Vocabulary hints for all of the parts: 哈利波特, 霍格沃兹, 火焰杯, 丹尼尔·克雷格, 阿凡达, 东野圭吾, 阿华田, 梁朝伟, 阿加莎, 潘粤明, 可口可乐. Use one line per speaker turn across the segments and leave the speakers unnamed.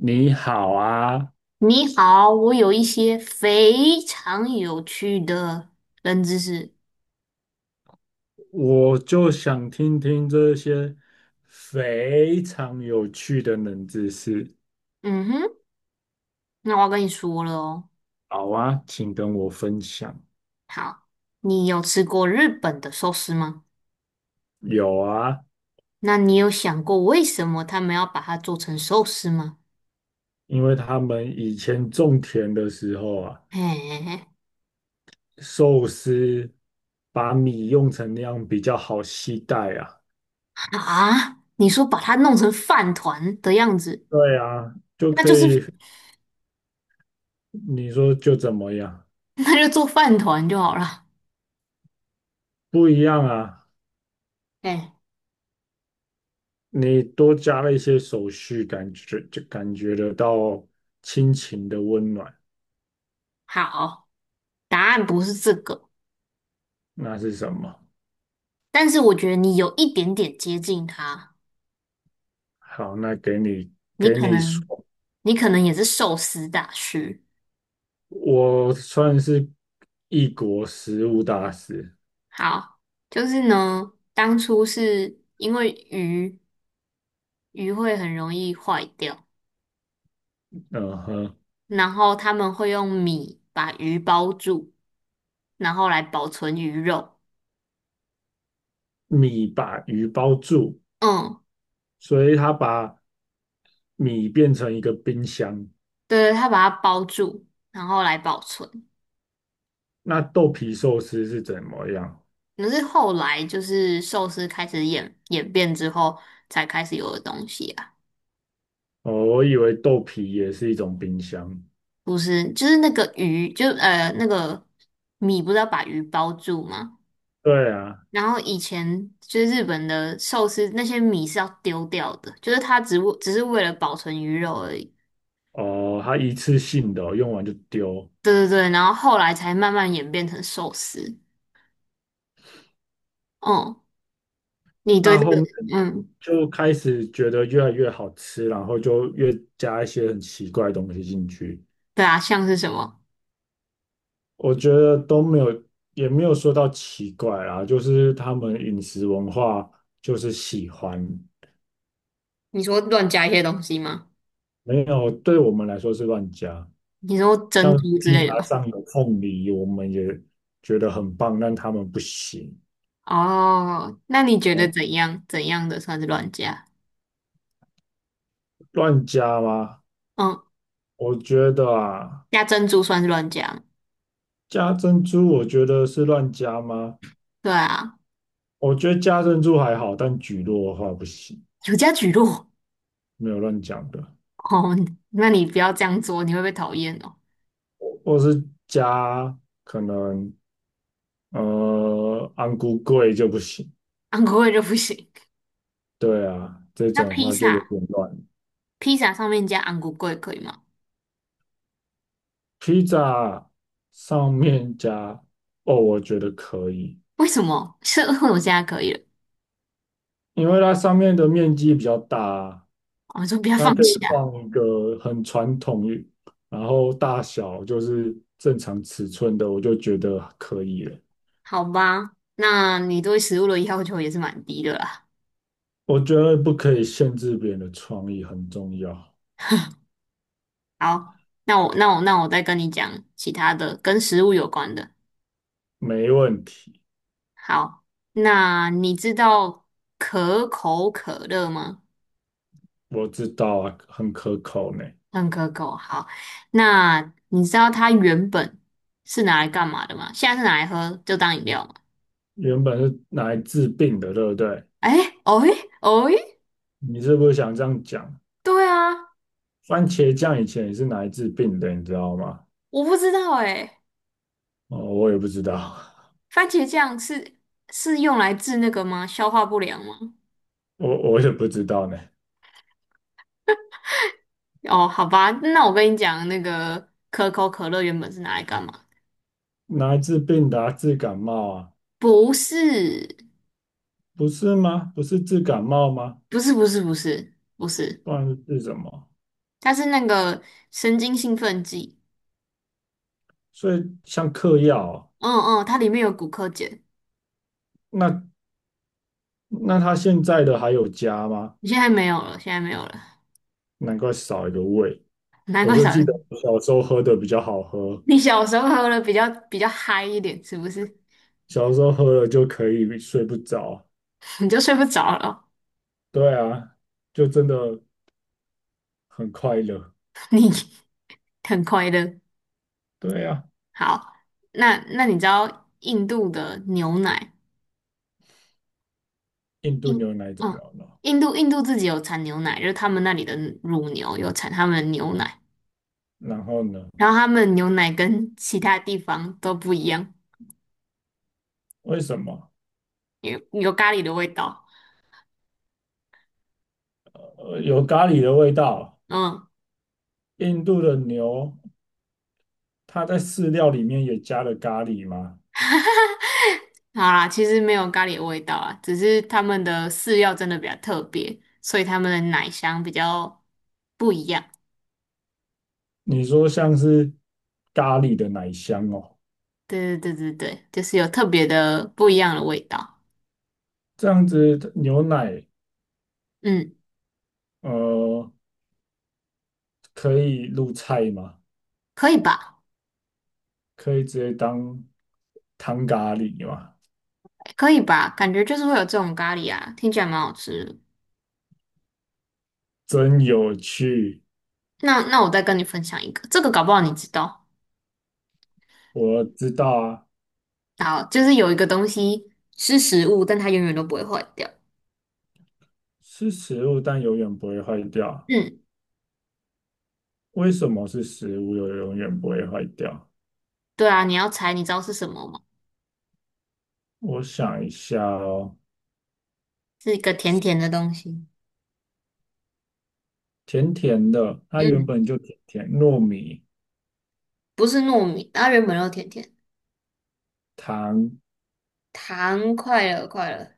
你好啊，
你好，我有一些非常有趣的冷知识。
我就想听听这些非常有趣的冷知识。
嗯哼，那我要跟你说了哦。
好啊，请跟我分享。
好，你有吃过日本的寿司吗？
有啊，
那你有想过为什么他们要把它做成寿司吗？
因为他们以前种田的时候啊，
哎，
寿司把米用成那样比较好携带啊。
啊，你说把它弄成饭团的样子，
对啊，就
那
可
就是
以，你说就怎么样？
那就做饭团就好了。
不一样啊，
哎，
你多加了一些手续，感觉就感觉得到亲情的温暖。
好，答案不是这个，
那是什么？
但是我觉得你有一点点接近它。
好，那给你
你
给
可
你说，
能，你可能也是寿司大师。
我算是异国食物大师。
好，就是呢，当初是因为鱼会很容易坏掉，
嗯哼，
然后他们会用米把鱼包住，然后来保存鱼肉。
米把鱼包住，
嗯，
所以他把米变成一个冰箱。
对，他把它包住，然后来保存。
那豆皮寿司是怎么样？
可是后来就是寿司开始演变之后，才开始有的东西啊。
哦，我以为豆皮也是一种冰箱。
不是，就是那个鱼，就那个米不是要把鱼包住吗？
对啊。
然后以前就是日本的寿司那些米是要丢掉的，就是它只是为了保存鱼肉而已。
哦，它一次性的哦用完就丢。
对对对，然后后来才慢慢演变成寿司。哦，你对
那
这
后
个，
面
嗯，
就开始觉得越来越好吃，然后就越加一些很奇怪的东西进去。
对啊，像是什么？
我觉得都没有，也没有说到奇怪啦，就是他们饮食文化就是喜欢，
你说乱加一些东西吗？
没有，对我们来说是乱加。
你说珍
像
珠之
披
类的
萨
吗？
上有凤梨，我们也觉得很棒，但他们不行。
哦，那你觉得
呃，
怎样？怎样的算是乱加？
乱加吗？
嗯，
我觉得啊，
加珍珠算是乱加吗？
加珍珠，我觉得是乱加吗？
对啊，
我觉得加珍珠还好，但蒟落的话不行，
有加蒟蒻。
没有乱讲的，
哦，那你不要这样做，你会被讨厌哦。
或是加可能。安菇贵就不行。
安国味就不行。
对啊，这
那
种
披
话就有
萨，
点乱。
披萨上面加昂古贵可以吗？
披萨上面加哦，我觉得可以，
为什么？是为我现在可以了。
因为它上面的面积比较大啊，
我说不要
它
放
可以
弃啊，
放一个很传统，然后大小就是正常尺寸的，我就觉得可以了。
好吧？那你对食物的要求也是蛮低的啦。
我觉得不可以限制别人的创意很重要。
好，那我再跟你讲其他的跟食物有关的。
没问题，
好，那你知道可口可乐吗？
我知道啊，很可口呢。
很可口。好，那你知道它原本是拿来干嘛的吗？现在是拿来喝，就当饮料嘛。
原本是拿来治病的，对不对？
哎，哦诶，哦诶，
你是不是想这样讲？
对啊，
番茄酱以前也是拿来治病的，你知道吗？
我不知道哎、
哦，我也不知道，
番茄酱是用来治那个吗？消化不良吗？
我也不知道呢。
哦，好吧，那我跟你讲，那个可口可乐原本是拿来干嘛？
拿来治病的啊治感冒啊？
不是，
不是吗？不是治感冒吗？
不是，不是，不是，不是，
不然是治什么？
它是那个神经兴奋剂。
所以像嗑药啊
嗯嗯，它里面有骨科碱，
那那他现在的还有加吗？
现在没有了，现在没有了，
难怪少一个胃。
难
我
怪
就
少
记得
人。
我小时候喝的比较好喝，
你小时候喝了比较嗨一点，是不是？
小时候喝了就可以睡不着。
你就睡不着了，
对啊，就真的很快乐。
很快乐。
对呀、
好，那那你知道印度的牛奶？
印度
印，
牛奶怎么
嗯，
了？
印度自己有产牛奶，就是他们那里的乳牛有产他们的牛奶，
然后呢？
然后他们牛奶跟其他地方都不一样，
为什么？
有咖喱的味道。
有咖喱的味道。
嗯，
印度的牛，它在饲料里面也加了咖喱吗？
好啦，其实没有咖喱的味道啊，只是他们的饲料真的比较特别，所以他们的奶香比较不一样。
你说像是咖喱的奶香哦，
对对对对对，就是有特别的不一样的味道。
这样子牛奶，
嗯，
呃，可以入菜吗？
可以吧？
可以直接当汤咖喱吗？
可以吧？感觉就是会有这种咖喱啊，听起来蛮好吃的。
真有趣，
那那我再跟你分享一个，这个搞不好你知道。
我知道啊，
好，就是有一个东西是食物，但它永远都不会坏掉。
是食物，但永远不会坏掉。
嗯，
为什么是食物又永远不会坏掉？
对啊，你要猜，你知道是什么吗？
我想一下哦，
是一个甜甜的东西。
甜甜的，它原
嗯，
本就甜甜，糯米、
不是糯米，它原本就甜甜。
糖、
糖，快乐，快乐。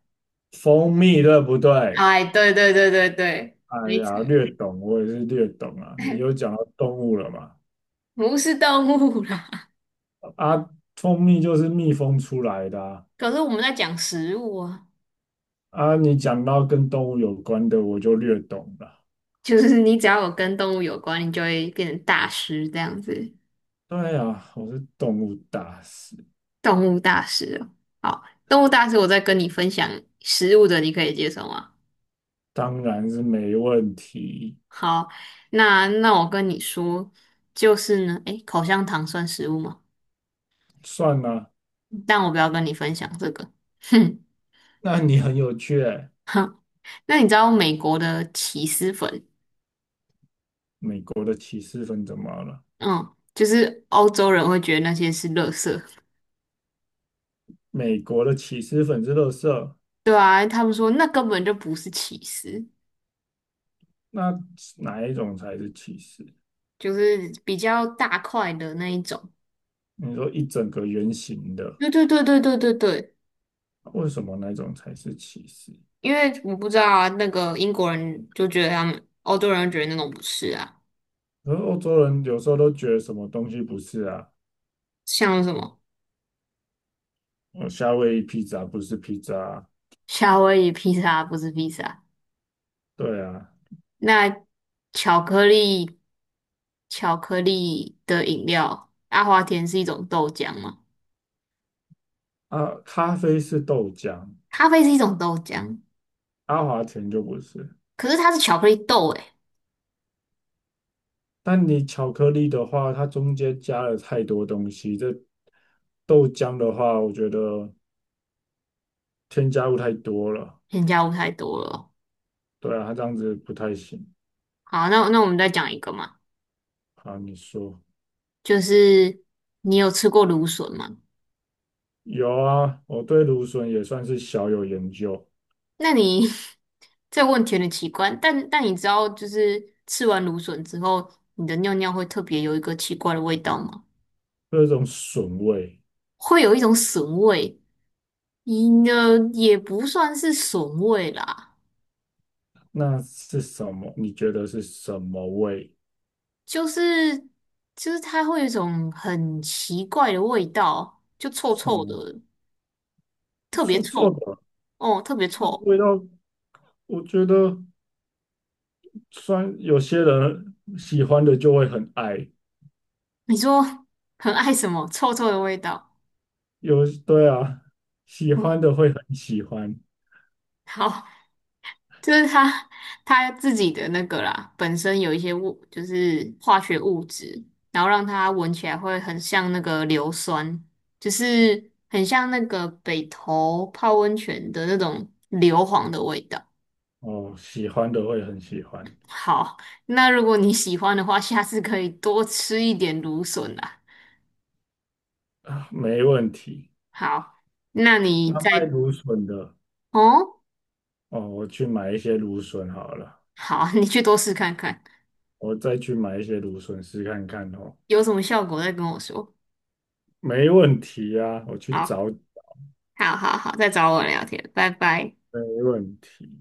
蜂蜜，对不对？
哎，对对对对对，
哎
没错，
呀，略懂，我也是略懂啊。你有 讲到动物了嘛？
不是动物啦。
啊，蜂蜜就是蜜蜂出来的啊。
可是我们在讲食物啊，
啊，你讲到跟动物有关的，我就略懂了。
就是你只要有跟动物有关，你就会变成大师这样子。
对呀，我是动物大师，
动物大师哦，好，动物大师，我在跟你分享食物的，你可以接受吗？
当然是没问题。
好，那那我跟你说，就是呢，诶，口香糖算食物吗？
算了，
但我不要跟你分享这个。哼，
那你很有趣欸。
那你知道美国的起司粉，
美国的起司粉怎么了？
嗯，就是欧洲人会觉得那些是垃圾，
美国的起司粉是垃色。
对啊，他们说那根本就不是起司，
那哪一种才是歧视？
就是比较大块的那一种。
你说一整个圆形的，
对对对对对对对。
为什么那种才是歧视？
因为我不知道啊，那个英国人就觉得他们欧洲人觉得那种不是啊，
而欧洲人有时候都觉得什么东西不是啊，
像什么
夏威夷披萨不是披萨啊，
夏威夷披萨不是披萨，
对啊，
那巧克力巧克力的饮料，阿华田是一种豆浆吗？
啊，咖啡是豆浆，
咖啡是一种豆浆，
阿华田就不是。
可是它是巧克力豆诶、
但你巧克力的话，它中间加了太多东西，这豆浆的话，我觉得添加物太多了，
添加物太多了哦。
对啊，它这样子不太行。
好，那那我们再讲一个嘛，
好，你说。
就是你有吃过芦笋吗？
有啊，我对芦笋也算是小有研究。
那你 这个问题有点奇怪，但你知道，就是吃完芦笋之后，你的尿尿会特别有一个奇怪的味道吗？
这种笋味，
会有一种笋味，你呢，也不算是笋味啦，
那是什么？你觉得是什么味？
就是就是它会有一种很奇怪的味道，就臭
什
臭的，
么
特别
臭臭
臭
的？
哦，特别
那
臭。
味道，我觉得虽然有些人喜欢的就会很爱，
你说 很爱什么臭臭的味道？
有，对啊，喜
嗯，
欢的会很喜欢，
好，就是它自己的那个啦，本身有一些物，就是化学物质，然后让它闻起来会很像那个硫酸，就是很像那个北投泡温泉的那种硫磺的味道。
哦，喜欢的会很喜欢，
好，那如果你喜欢的话，下次可以多吃一点芦笋啦。
啊没问题。
好，那你
那卖
再
芦笋的，
哦，
哦，我去买一些芦笋好了，
好，你去多试看看，
我再去买一些芦笋试看看哦。
有什么效果再跟我说。
没问题啊，我去
好，
找，
好，好，好，再找我聊天，拜拜。
没问题。